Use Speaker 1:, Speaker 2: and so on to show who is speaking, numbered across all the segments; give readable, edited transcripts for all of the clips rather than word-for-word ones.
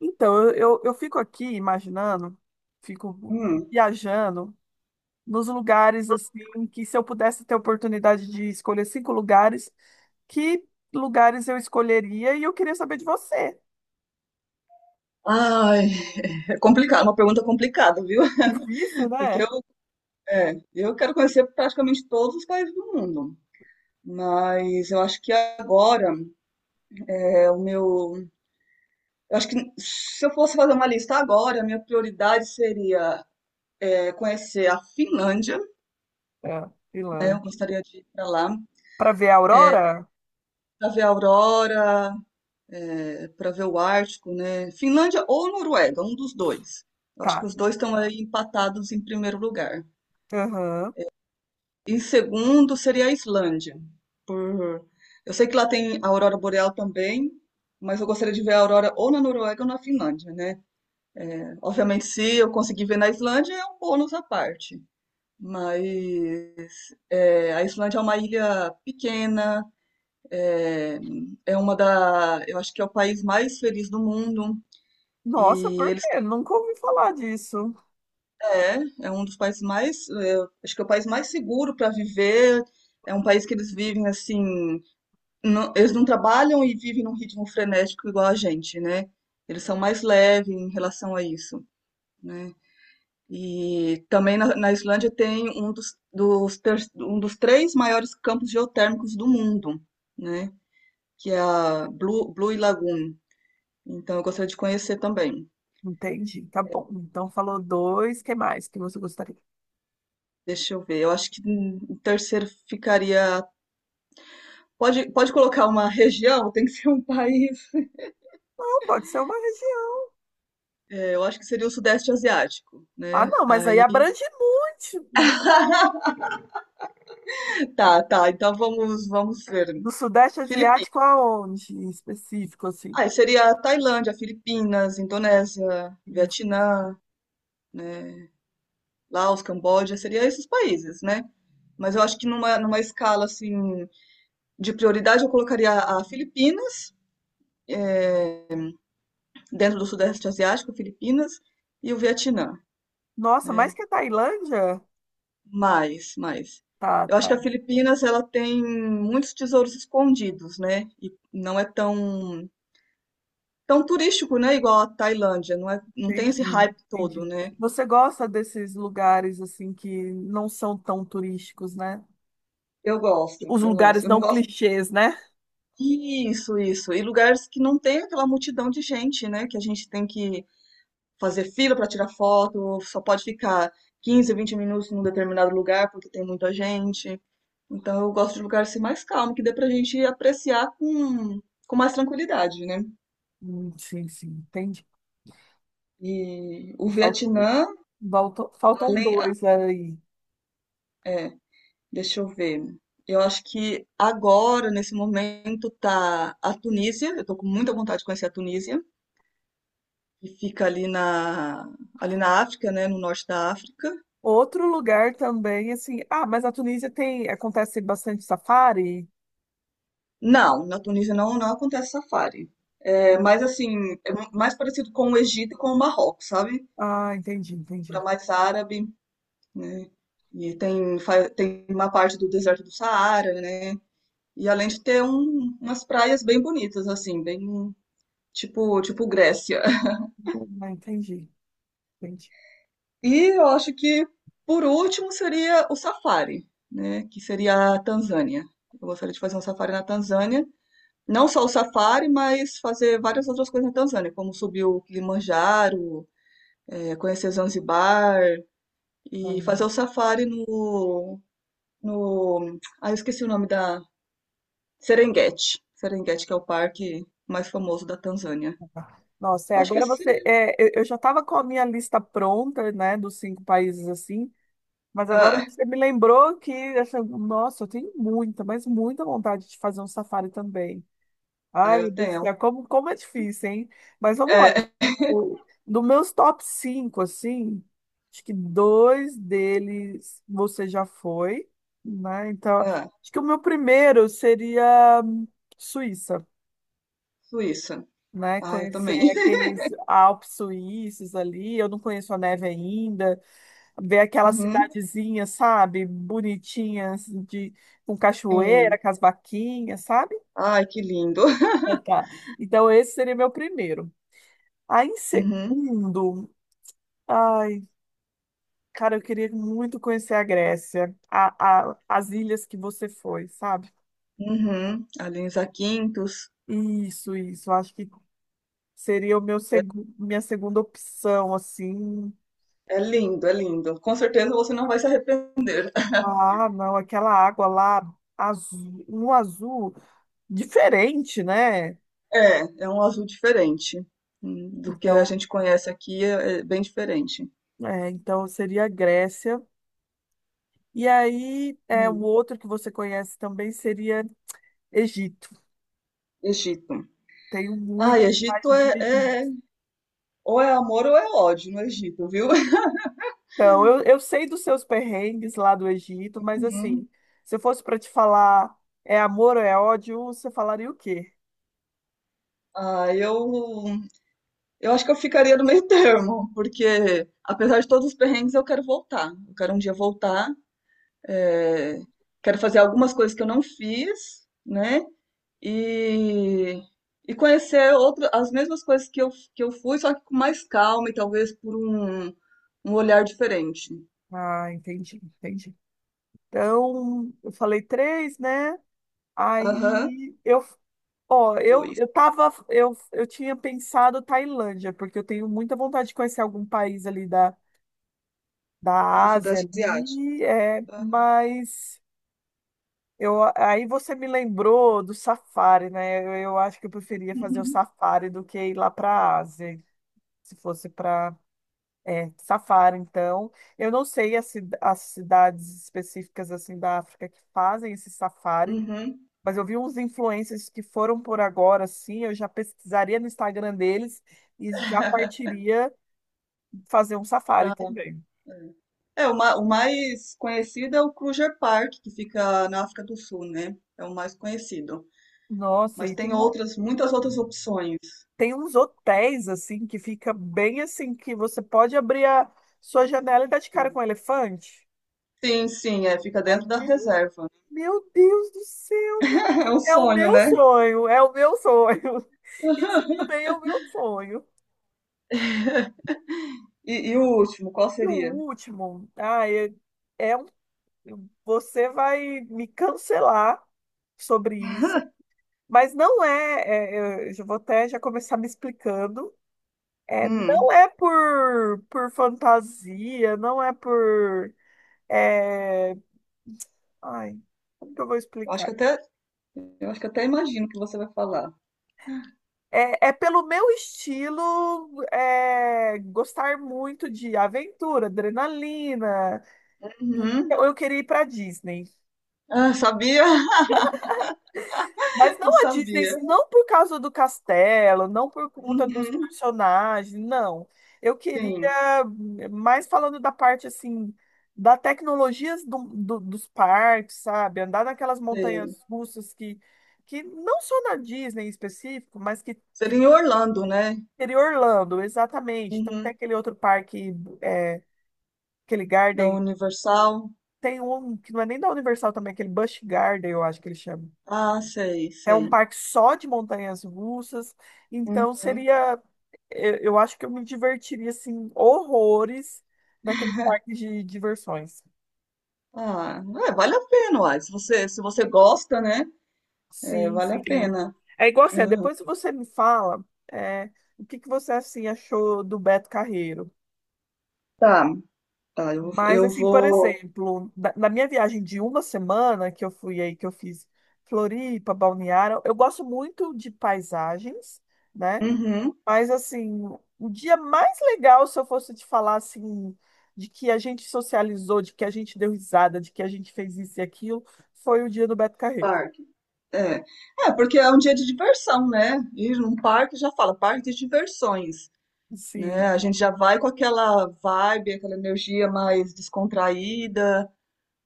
Speaker 1: Então, eu fico aqui imaginando, fico
Speaker 2: Hum.
Speaker 1: viajando nos lugares assim que se eu pudesse ter a oportunidade de escolher cinco lugares, que lugares eu escolheria? E eu queria saber de você.
Speaker 2: Ai, é complicado, uma pergunta complicada, viu?
Speaker 1: Difícil,
Speaker 2: Porque
Speaker 1: né?
Speaker 2: eu quero conhecer praticamente todos os países do mundo. Mas eu acho que agora é o meu. Eu acho que se eu fosse fazer uma lista agora, a minha prioridade seria conhecer a Finlândia,
Speaker 1: É,
Speaker 2: né? Eu
Speaker 1: Finlândia.
Speaker 2: gostaria de ir para lá,
Speaker 1: Para ver a aurora?
Speaker 2: para ver a aurora, para ver o Ártico, né? Finlândia ou Noruega, um dos dois. Eu acho que
Speaker 1: Tá.
Speaker 2: os dois estão aí empatados em primeiro lugar.
Speaker 1: Aham.
Speaker 2: E segundo seria a Islândia. Por... Eu sei que lá tem a aurora boreal também, mas eu gostaria de ver a aurora ou na Noruega ou na Finlândia, né? Obviamente, se eu conseguir ver na Islândia, é um bônus à parte. Mas a Islândia é uma ilha pequena. é, eu acho que é o país mais feliz do mundo.
Speaker 1: Nossa,
Speaker 2: E
Speaker 1: por
Speaker 2: eles
Speaker 1: quê? Nunca ouvi falar disso.
Speaker 2: um dos países mais, acho que é o país mais seguro para viver. É um país que eles vivem assim, eles não trabalham e vivem num ritmo frenético igual a gente, né? Eles são mais leves em relação a isso, né? E também na Islândia tem um dos três maiores campos geotérmicos do mundo, né? Que é a Blue Lagoon. Então eu gostaria de conhecer também.
Speaker 1: Entendi. Tá bom. Então falou dois. Que mais que você gostaria?
Speaker 2: Deixa eu ver. Eu acho que o terceiro ficaria. Pode colocar uma região, tem que ser um país.
Speaker 1: Não, pode ser uma região.
Speaker 2: É, eu acho que seria o Sudeste Asiático,
Speaker 1: Ah,
Speaker 2: né?
Speaker 1: não, mas aí
Speaker 2: Aí.
Speaker 1: abrange muito.
Speaker 2: Tá, tá. Então vamos ver.
Speaker 1: Do Sudeste
Speaker 2: Filipinas.
Speaker 1: Asiático aonde, em específico, assim?
Speaker 2: Ah, seria Tailândia, Filipinas, Indonésia, Vietnã, né? Laos, Camboja, seria esses países, né? Mas eu acho que numa escala assim de prioridade eu colocaria a Filipinas, eh, dentro do Sudeste Asiático, Filipinas e o Vietnã,
Speaker 1: Nossa, mais
Speaker 2: né?
Speaker 1: que a Tailândia?
Speaker 2: Mais, mais.
Speaker 1: Tá,
Speaker 2: Eu acho
Speaker 1: tá,
Speaker 2: que a Filipinas ela tem muitos tesouros escondidos, né? E não é tão tão turístico, né? Igual a Tailândia, não é, não tem esse
Speaker 1: entendi,
Speaker 2: hype todo,
Speaker 1: entendi.
Speaker 2: né?
Speaker 1: Você gosta desses lugares, assim, que não são tão turísticos, né?
Speaker 2: Eu gosto,
Speaker 1: Os
Speaker 2: eu gosto.
Speaker 1: lugares
Speaker 2: Eu não
Speaker 1: não
Speaker 2: gosto.
Speaker 1: clichês, né?
Speaker 2: Isso, isso. E lugares que não tem aquela multidão de gente, né? Que a gente tem que fazer fila para tirar foto, só pode ficar 15, 20 minutos num determinado lugar porque tem muita gente. Então eu gosto de lugares assim, mais calmo, que dê pra gente apreciar com mais tranquilidade, né?
Speaker 1: Sim, sim, entendi.
Speaker 2: E o
Speaker 1: Faltam,
Speaker 2: Vietnã,
Speaker 1: faltam dois aí.
Speaker 2: além, deixa eu ver. Eu acho que agora, nesse momento, tá a Tunísia. Eu tô com muita vontade de conhecer a Tunísia, que fica ali ali na África, né? No norte da África.
Speaker 1: Outro lugar também, assim. Ah, mas a Tunísia tem. Acontece bastante safari?
Speaker 2: Não, na Tunísia não acontece safari. É,
Speaker 1: Hum.
Speaker 2: mas assim, é mais parecido com o Egito e com o Marrocos, sabe?
Speaker 1: Ah, entendi,
Speaker 2: Para
Speaker 1: entendi.
Speaker 2: mais árabe, né? E tem uma parte do deserto do Saara, né? E além de ter umas praias bem bonitas, assim, bem tipo Grécia.
Speaker 1: Ah, entendi, entendi.
Speaker 2: E eu acho que, por último, seria o safari, né? Que seria a Tanzânia. Eu gostaria de fazer um safari na Tanzânia. Não só o safari, mas fazer várias outras coisas na Tanzânia, como subir o Kilimanjaro, conhecer Zanzibar e fazer
Speaker 1: Hum.
Speaker 2: o safari no, no... Ah, eu esqueci o nome. Serengeti. Serengeti, que é o parque mais famoso da Tanzânia.
Speaker 1: Nossa, é,
Speaker 2: Eu acho que
Speaker 1: agora
Speaker 2: esse seria...
Speaker 1: você. É, eu já estava com a minha lista pronta, né, dos cinco países assim, mas agora
Speaker 2: Ah,
Speaker 1: você me lembrou que, assim, nossa, eu tenho muita, mas muita vontade de fazer um safari também.
Speaker 2: ah,
Speaker 1: Ai,
Speaker 2: eu
Speaker 1: meu Deus do
Speaker 2: tenho.
Speaker 1: céu, como é difícil, hein? Mas vamos lá.
Speaker 2: É,
Speaker 1: O, dos meus top 5, assim, acho que dois deles você já foi, né? Então,
Speaker 2: é,
Speaker 1: acho que o meu primeiro seria Suíça,
Speaker 2: Suíça.
Speaker 1: né?
Speaker 2: Ah, eu
Speaker 1: Conhecer
Speaker 2: também.
Speaker 1: aqueles Alpes suíços ali, eu não conheço a neve ainda, ver aquelas
Speaker 2: Uhum,
Speaker 1: cidadezinhas, sabe? Bonitinhas, de, com cachoeira,
Speaker 2: sim.
Speaker 1: com as vaquinhas, sabe?
Speaker 2: Ai, que lindo.
Speaker 1: É. Tá. Então, esse seria meu primeiro. Aí, em
Speaker 2: Uhum,
Speaker 1: segundo, ai, cara, eu queria muito conhecer a Grécia, as ilhas que você foi, sabe?
Speaker 2: uhum. Alenza Quintos.
Speaker 1: Isso, isso. Eu acho que seria o
Speaker 2: É
Speaker 1: minha segunda opção, assim.
Speaker 2: é lindo, é lindo. Com certeza você não vai se arrepender.
Speaker 1: Ah, não, aquela água lá, azul, um azul diferente, né?
Speaker 2: É um azul diferente, do que a
Speaker 1: Então,
Speaker 2: gente conhece aqui, é bem diferente.
Speaker 1: é, então seria a Grécia. E aí, é, o
Speaker 2: Hum.
Speaker 1: outro que você conhece também seria Egito.
Speaker 2: Egito.
Speaker 1: Tenho muita
Speaker 2: Ai, Egito,
Speaker 1: parte de Egito.
Speaker 2: ou é amor ou é ódio no Egito, viu?
Speaker 1: Então, eu sei dos seus perrengues lá do Egito, mas assim,
Speaker 2: Uhum.
Speaker 1: se eu fosse para te falar é amor ou é ódio, você falaria o quê?
Speaker 2: Ah, eu acho que eu ficaria no meio termo, porque apesar de todos os perrengues, eu quero voltar. Eu quero um dia voltar, é, quero fazer algumas coisas que eu não fiz, né? E, e conhecer outro, as mesmas coisas que eu fui, só que com mais calma e talvez por um olhar diferente.
Speaker 1: Ah, entendi, entendi. Então, eu falei três, né?
Speaker 2: Aham,
Speaker 1: Aí eu, ó, eu,
Speaker 2: dois,
Speaker 1: eu tava, eu, eu tinha pensado Tailândia, porque eu tenho muita vontade de conhecer algum país ali da,
Speaker 2: do
Speaker 1: da Ásia
Speaker 2: Sudeste Asiático.
Speaker 1: ali, é,
Speaker 2: Aham.
Speaker 1: mas eu, aí você me lembrou do safari, né? Eu acho que eu preferia fazer o safari do que ir lá para a Ásia, se fosse para safari, então. Eu não sei as, as cidades específicas assim da África que fazem esse safari,
Speaker 2: Uhum.
Speaker 1: mas eu vi uns influencers que foram por agora, assim, eu já pesquisaria no Instagram deles e já partiria fazer um safari
Speaker 2: Pra-
Speaker 1: também.
Speaker 2: É, o mais conhecido é o Kruger Park, que fica na África do Sul, né? É o mais conhecido.
Speaker 1: Nossa,
Speaker 2: Mas
Speaker 1: e
Speaker 2: tem
Speaker 1: tem um,
Speaker 2: outras, muitas outras opções.
Speaker 1: tem uns hotéis, assim, que fica bem assim, que você pode abrir a sua janela e dar de cara com um elefante.
Speaker 2: Sim, sim, fica
Speaker 1: Ai,
Speaker 2: dentro da
Speaker 1: meu,
Speaker 2: reserva.
Speaker 1: meu Deus do céu, meu
Speaker 2: É um
Speaker 1: é o
Speaker 2: sonho,
Speaker 1: meu
Speaker 2: né?
Speaker 1: sonho, é o meu sonho. Isso também é o meu sonho.
Speaker 2: E o último, qual
Speaker 1: E o
Speaker 2: seria?
Speaker 1: último, ah é, é um, você vai me cancelar sobre isso, mas não eu já vou até já começar me explicando. É, não
Speaker 2: Hum,
Speaker 1: é por fantasia, não é por... É... Ai, como que eu vou
Speaker 2: eu acho que
Speaker 1: explicar?
Speaker 2: eu acho que até imagino o que você vai falar.
Speaker 1: é pelo meu estilo é, gostar muito de aventura, adrenalina.
Speaker 2: Uhum.
Speaker 1: Então, eu queria ir para Disney.
Speaker 2: Ah, sabia?
Speaker 1: Mas não
Speaker 2: Eu
Speaker 1: a Disney,
Speaker 2: sabia.
Speaker 1: não por causa do castelo, não por conta dos
Speaker 2: Uhum.
Speaker 1: personagens, não. Eu queria,
Speaker 2: Sim,
Speaker 1: mais falando da parte assim, da tecnologia dos parques, sabe? Andar naquelas
Speaker 2: sim.
Speaker 1: montanhas russas que não só na Disney em específico, mas que.
Speaker 2: Seria em Orlando, né?
Speaker 1: Seria Orlando, exatamente. Então tem
Speaker 2: Uhum.
Speaker 1: aquele outro parque, é, aquele
Speaker 2: Da
Speaker 1: Garden.
Speaker 2: Universal.
Speaker 1: Tem um que não é nem da Universal também, aquele Busch Garden, eu acho que ele chama.
Speaker 2: Ah, sei,
Speaker 1: É um
Speaker 2: sei.
Speaker 1: parque só de montanhas russas. Então
Speaker 2: Uhum.
Speaker 1: seria, eu acho que eu me divertiria assim horrores naquele parque de diversões.
Speaker 2: Ah, é, vale a pena, uai. Se você gosta, né? É,
Speaker 1: Sim,
Speaker 2: vale a
Speaker 1: sim.
Speaker 2: pena.
Speaker 1: É igual assim, depois você me fala, é, o que que você assim achou do Beto Carreiro?
Speaker 2: Tá, tá, eu,
Speaker 1: Mas,
Speaker 2: eu
Speaker 1: assim, por
Speaker 2: vou.
Speaker 1: exemplo, na minha viagem de uma semana que eu fui aí, que eu fiz Floripa, Balneário, eu gosto muito de paisagens, né?
Speaker 2: Uhum.
Speaker 1: Mas, assim, o dia mais legal, se eu fosse te falar, assim, de que a gente socializou, de que a gente deu risada, de que a gente fez isso e aquilo, foi o dia do Beto Carreiro.
Speaker 2: Claro. É, é, porque é um dia de diversão, né? Ir num parque já fala, parque de diversões, né?
Speaker 1: Sim.
Speaker 2: A gente já vai com aquela vibe, aquela energia mais descontraída,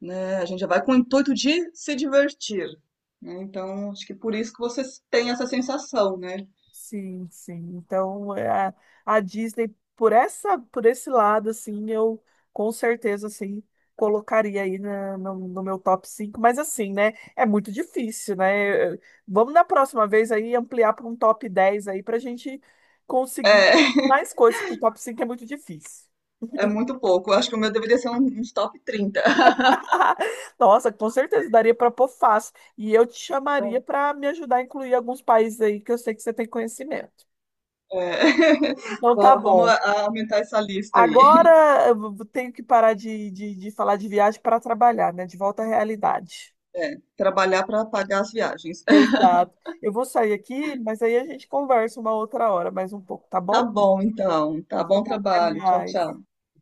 Speaker 2: né? A gente já vai com o intuito de se divertir, né? Então, acho que por isso que vocês têm essa sensação, né?
Speaker 1: Sim, sim. Então, é, a Disney, por essa, por esse lado, assim, eu com certeza, assim, colocaria aí no meu top cinco, mas assim, né, é muito difícil, né? Eu vamos na próxima vez aí ampliar para um top 10 aí pra gente conseguir
Speaker 2: É,
Speaker 1: mais coisas, porque o top 5 é muito difícil.
Speaker 2: é muito pouco. Eu acho que o meu deveria ser uns top 30.
Speaker 1: Nossa, com certeza daria para pôr fácil. E eu te chamaria
Speaker 2: Então,
Speaker 1: para me ajudar a incluir alguns países aí que eu sei que você tem conhecimento.
Speaker 2: é,
Speaker 1: Então tá
Speaker 2: va- vamos
Speaker 1: bom.
Speaker 2: a- aumentar essa lista aí.
Speaker 1: Agora eu tenho que parar de, falar de viagem para trabalhar, né? De volta à realidade.
Speaker 2: É, trabalhar para pagar as viagens.
Speaker 1: Exato. Eu vou sair aqui, mas aí a gente conversa uma outra hora, mais um pouco, tá
Speaker 2: Tá
Speaker 1: bom?
Speaker 2: bom, então.
Speaker 1: Então
Speaker 2: Tá
Speaker 1: tá
Speaker 2: bom
Speaker 1: bom, até
Speaker 2: trabalho. Tchau,
Speaker 1: mais.
Speaker 2: tchau.